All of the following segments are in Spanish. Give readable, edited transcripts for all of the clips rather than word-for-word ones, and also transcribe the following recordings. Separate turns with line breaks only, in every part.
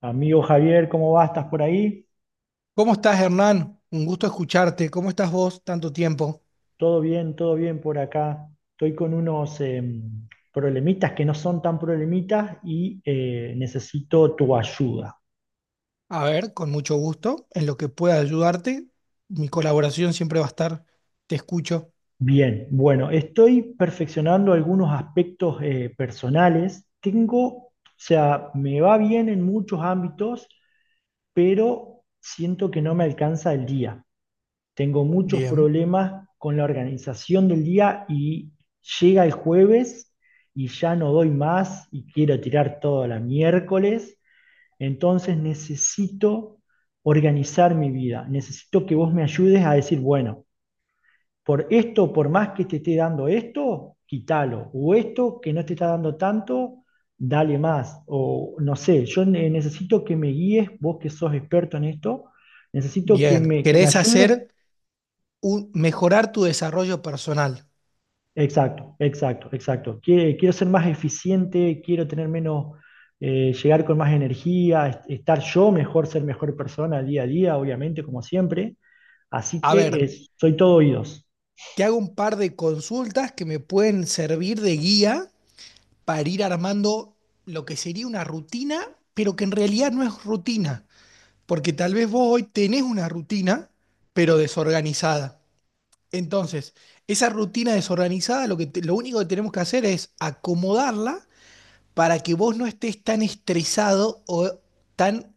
Amigo Javier, ¿cómo vas? ¿Estás por ahí?
¿Cómo estás, Hernán? Un gusto escucharte. ¿Cómo estás vos? Tanto tiempo.
Todo bien por acá. Estoy con unos problemitas que no son tan problemitas y necesito tu ayuda.
A ver, con mucho gusto. En lo que pueda ayudarte, mi colaboración siempre va a estar. Te escucho.
Bien, bueno, estoy perfeccionando algunos aspectos personales. Tengo, o sea, me va bien en muchos ámbitos, pero siento que no me alcanza el día. Tengo muchos
Bien.
problemas con la organización del día y llega el jueves y ya no doy más y quiero tirar todo a la miércoles. Entonces necesito organizar mi vida. Necesito que vos me ayudes a decir, bueno, por esto, por más que te esté dando esto, quítalo. O esto que no te está dando tanto, dale más. O no sé, yo necesito que me guíes, vos que sos experto en esto, necesito
Bien.
que me
¿Querés
ayudes.
hacer un, mejorar tu desarrollo personal?
Exacto, exacto, exacto. Quiero ser más eficiente, quiero tener menos, llegar con más energía, estar yo mejor, ser mejor persona día a día, obviamente, como siempre. Así
A
que
ver,
soy todo oídos.
te hago un par de consultas que me pueden servir de guía para ir armando lo que sería una rutina, pero que en realidad no es rutina, porque tal vez vos hoy tenés una rutina, pero desorganizada. Entonces, esa rutina desorganizada, lo único que tenemos que hacer es acomodarla para que vos no estés tan estresado o tan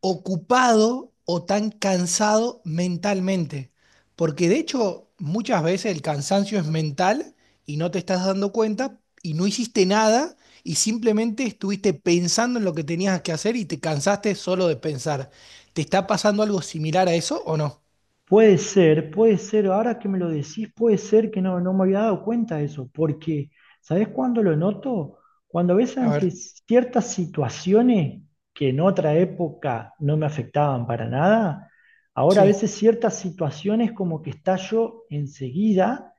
ocupado o tan cansado mentalmente. Porque de hecho, muchas veces el cansancio es mental y no te estás dando cuenta y no hiciste nada y simplemente estuviste pensando en lo que tenías que hacer y te cansaste solo de pensar. ¿Te está pasando algo similar a eso o no?
Puede ser, ahora que me lo decís, puede ser que no, no me había dado cuenta de eso, porque ¿sabés cuándo lo noto? Cuando ves
A
ante
ver,
ciertas situaciones que en otra época no me afectaban para nada, ahora a
sí,
veces ciertas situaciones como que estallo enseguida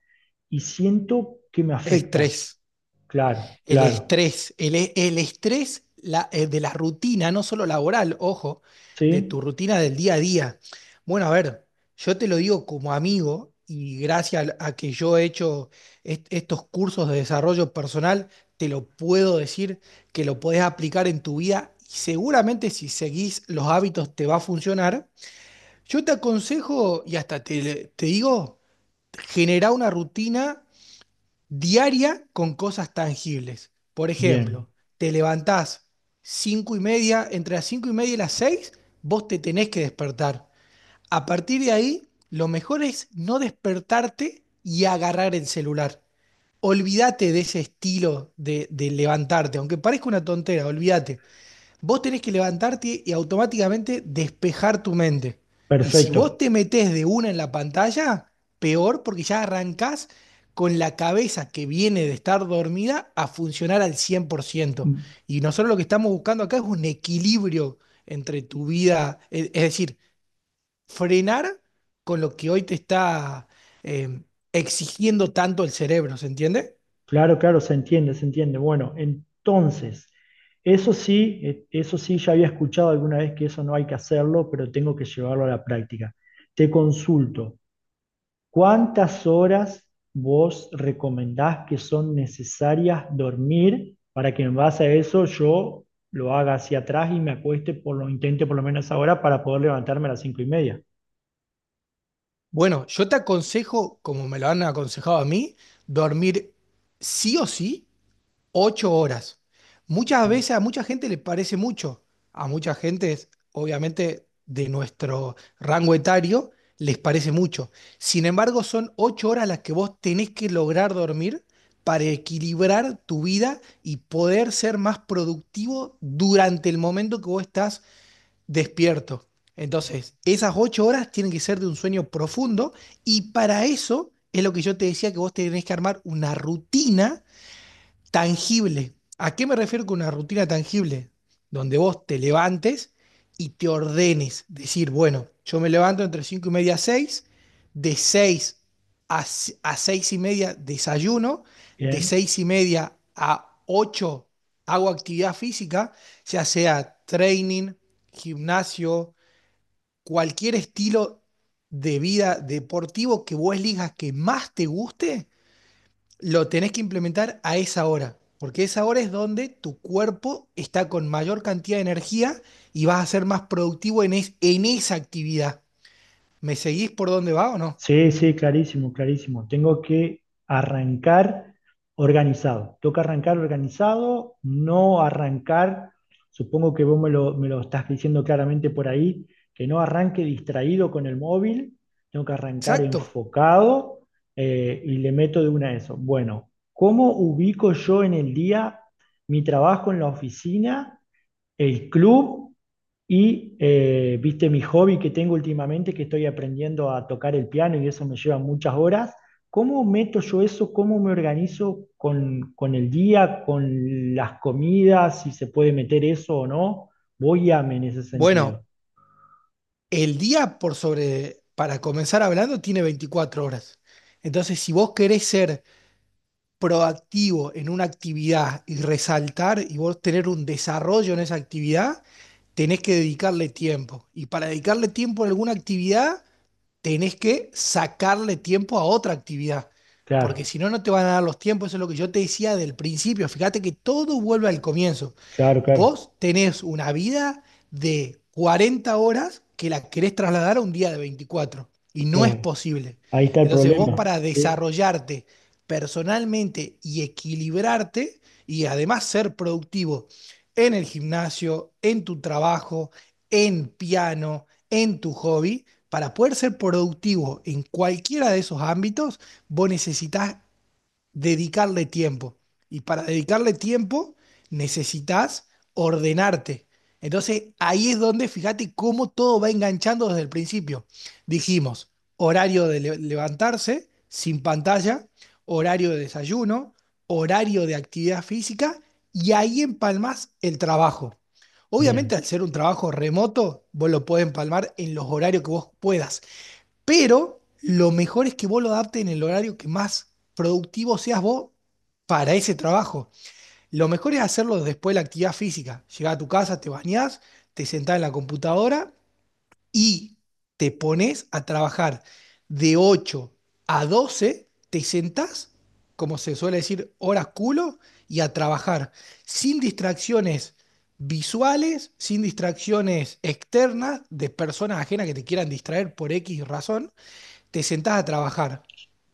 y siento que me afecta.
estrés.
Claro,
El
claro,
estrés, el estrés de la rutina, no solo laboral, ojo, de
¿sí?
tu rutina del día a día. Bueno, a ver, yo te lo digo como amigo y gracias a que yo he hecho estos cursos de desarrollo personal, te lo puedo decir que lo podés aplicar en tu vida y seguramente si seguís los hábitos te va a funcionar. Yo te aconsejo y hasta te digo, generar una rutina diaria con cosas tangibles. Por
Bien,
ejemplo, te levantás cinco y media, entre las cinco y media y las seis, vos te tenés que despertar. A partir de ahí, lo mejor es no despertarte y agarrar el celular. Olvídate de ese estilo de levantarte, aunque parezca una tontera, olvídate. Vos tenés que levantarte y automáticamente despejar tu mente. Y si vos
perfecto.
te metés de una en la pantalla, peor porque ya arrancás con la cabeza que viene de estar dormida a funcionar al 100%. Y nosotros lo que estamos buscando acá es un equilibrio entre tu vida, es decir, frenar con lo que hoy te está eh, exigiendo tanto el cerebro, ¿se entiende?
Claro, claro, se entiende, se entiende. Bueno, entonces, eso sí, ya había escuchado alguna vez que eso no hay que hacerlo, pero tengo que llevarlo a la práctica. Te consulto, ¿cuántas horas vos recomendás que son necesarias dormir para que en base a eso yo lo haga hacia atrás y me acueste por lo intente por lo menos esa hora para poder levantarme a las 5:30?
Bueno, yo te aconsejo, como me lo han aconsejado a mí, dormir sí o sí 8 horas. Muchas
Bien.
veces a mucha gente le parece mucho, a mucha gente, obviamente, de nuestro rango etario, les parece mucho. Sin embargo, son 8 horas las que vos tenés que lograr dormir para equilibrar tu vida y poder ser más productivo durante el momento que vos estás despierto. Entonces, esas 8 horas tienen que ser de un sueño profundo y para eso es lo que yo te decía que vos tenés que armar una rutina tangible. ¿A qué me refiero con una rutina tangible? Donde vos te levantes y te ordenes. Decir, bueno, yo me levanto entre cinco y media a 6, de seis a, si, a 6:30 desayuno, de
Bien.
6:30 a 8 hago actividad física, ya sea training, gimnasio, cualquier estilo de vida deportivo que vos elijas que más te guste, lo tenés que implementar a esa hora, porque esa hora es donde tu cuerpo está con mayor cantidad de energía y vas a ser más productivo en, en esa actividad. ¿Me seguís por dónde va o no?
Sí, sí, clarísimo, clarísimo. Tengo que arrancar organizado. Toca arrancar organizado, no arrancar, supongo que vos me lo estás diciendo claramente por ahí, que no arranque distraído con el móvil, tengo que arrancar
Exacto.
enfocado y le meto de una eso. Bueno, ¿cómo ubico yo en el día mi trabajo en la oficina? El club y, viste, mi hobby que tengo últimamente, que estoy aprendiendo a tocar el piano y eso me lleva muchas horas. ¿Cómo meto yo eso? ¿Cómo me organizo con el día, con las comidas, si se puede meter eso o no? Voy a en ese sentido.
Bueno, el día por sobre, para comenzar hablando, tiene 24 horas. Entonces, si vos querés ser proactivo en una actividad y resaltar y vos tener un desarrollo en esa actividad, tenés que dedicarle tiempo. Y para dedicarle tiempo a alguna actividad, tenés que sacarle tiempo a otra actividad, porque
Claro,
si no, no te van a dar los tiempos. Eso es lo que yo te decía del principio. Fíjate que todo vuelve al comienzo.
claro, claro.
Vos tenés una vida de 40 horas que la querés trasladar a un día de 24 y no es
Eh,
posible.
ahí está el
Entonces vos
problema.
para
Sí,
desarrollarte personalmente y equilibrarte y además ser productivo en el gimnasio, en tu trabajo, en piano, en tu hobby, para poder ser productivo en cualquiera de esos ámbitos, vos necesitas dedicarle tiempo. Y para dedicarle tiempo necesitas ordenarte. Entonces ahí es donde fíjate cómo todo va enganchando desde el principio. Dijimos, horario de levantarse sin pantalla, horario de desayuno, horario de actividad física y ahí empalmas el trabajo. Obviamente
bien.
al ser un trabajo remoto, vos lo podés empalmar en los horarios que vos puedas, pero lo mejor es que vos lo adaptes en el horario que más productivo seas vos para ese trabajo. Lo mejor es hacerlo después de la actividad física. Llegás a tu casa, te bañás, te sentás en la computadora y te pones a trabajar de 8 a 12. Te sentás, como se suele decir, horas culo y a trabajar, sin distracciones visuales, sin distracciones externas de personas ajenas que te quieran distraer por X razón, te sentás a trabajar.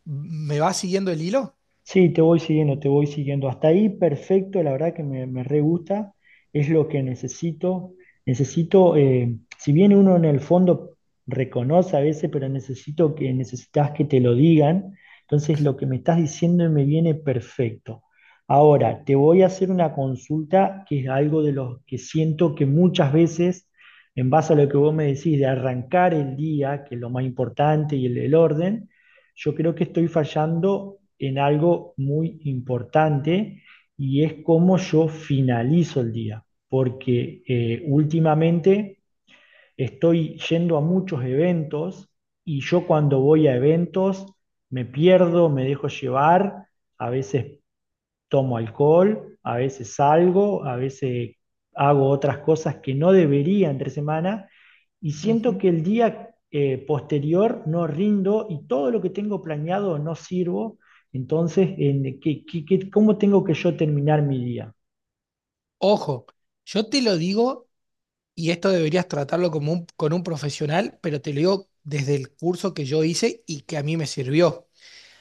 ¿Me vas siguiendo el hilo?
Sí, te voy siguiendo, te voy siguiendo. Hasta ahí, perfecto, la verdad que me re gusta, es lo que necesito. Necesito, si bien uno en el fondo reconoce a veces, pero necesito que necesitas que te lo digan, entonces lo que me estás diciendo me viene perfecto. Ahora, te voy a hacer una consulta que es algo de lo que siento que muchas veces, en base a lo que vos me decís, de arrancar el día, que es lo más importante y el orden yo creo que estoy fallando en algo muy importante y es cómo yo finalizo el día, porque últimamente estoy yendo a muchos eventos y yo cuando voy a eventos me pierdo, me dejo llevar, a veces tomo alcohol, a veces salgo, a veces hago otras cosas que no debería entre semana y siento
Ujú.
que el día posterior no rindo y todo lo que tengo planeado no sirvo. Entonces, en, ¿cómo tengo que yo terminar mi día?
Ojo, yo te lo digo, y esto deberías tratarlo como con un profesional, pero te lo digo desde el curso que yo hice y que a mí me sirvió.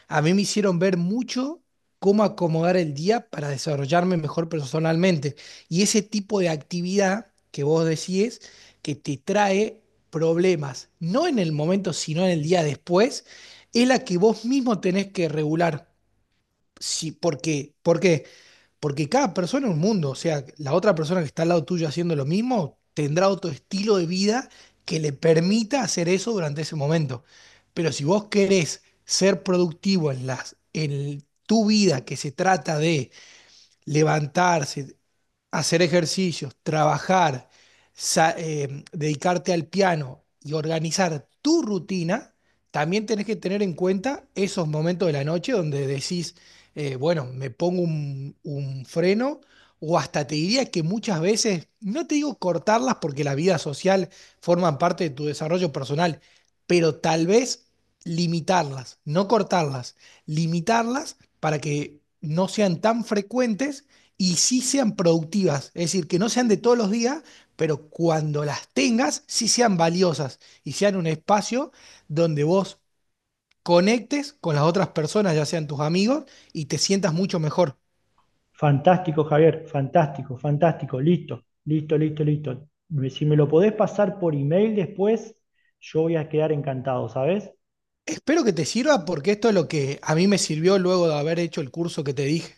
A mí me hicieron ver mucho cómo acomodar el día para desarrollarme mejor personalmente. Y ese tipo de actividad que vos decís que te trae problemas, no en el momento, sino en el día después, es la que vos mismo tenés que regular. Sí, porque, ¿por qué? Porque cada persona es un mundo, o sea, la otra persona que está al lado tuyo haciendo lo mismo tendrá otro estilo de vida que le permita hacer eso durante ese momento. Pero si vos querés ser productivo en las, en tu vida que se trata de levantarse, hacer ejercicios, trabajar, dedicarte al piano y organizar tu rutina, también tenés que tener en cuenta esos momentos de la noche donde decís, bueno, me pongo un freno o hasta te diría que muchas veces, no te digo cortarlas porque la vida social forma parte de tu desarrollo personal, pero tal vez limitarlas, no cortarlas, limitarlas para que no sean tan frecuentes y sí sean productivas, es decir, que no sean de todos los días, pero cuando las tengas, sí sean valiosas y sean un espacio donde vos conectes con las otras personas, ya sean tus amigos, y te sientas mucho mejor.
Fantástico, Javier, fantástico, fantástico, listo, listo, listo, listo. Si me lo podés pasar por email después, yo voy a quedar encantado, ¿sabes?
Espero que te sirva porque esto es lo que a mí me sirvió luego de haber hecho el curso que te dije.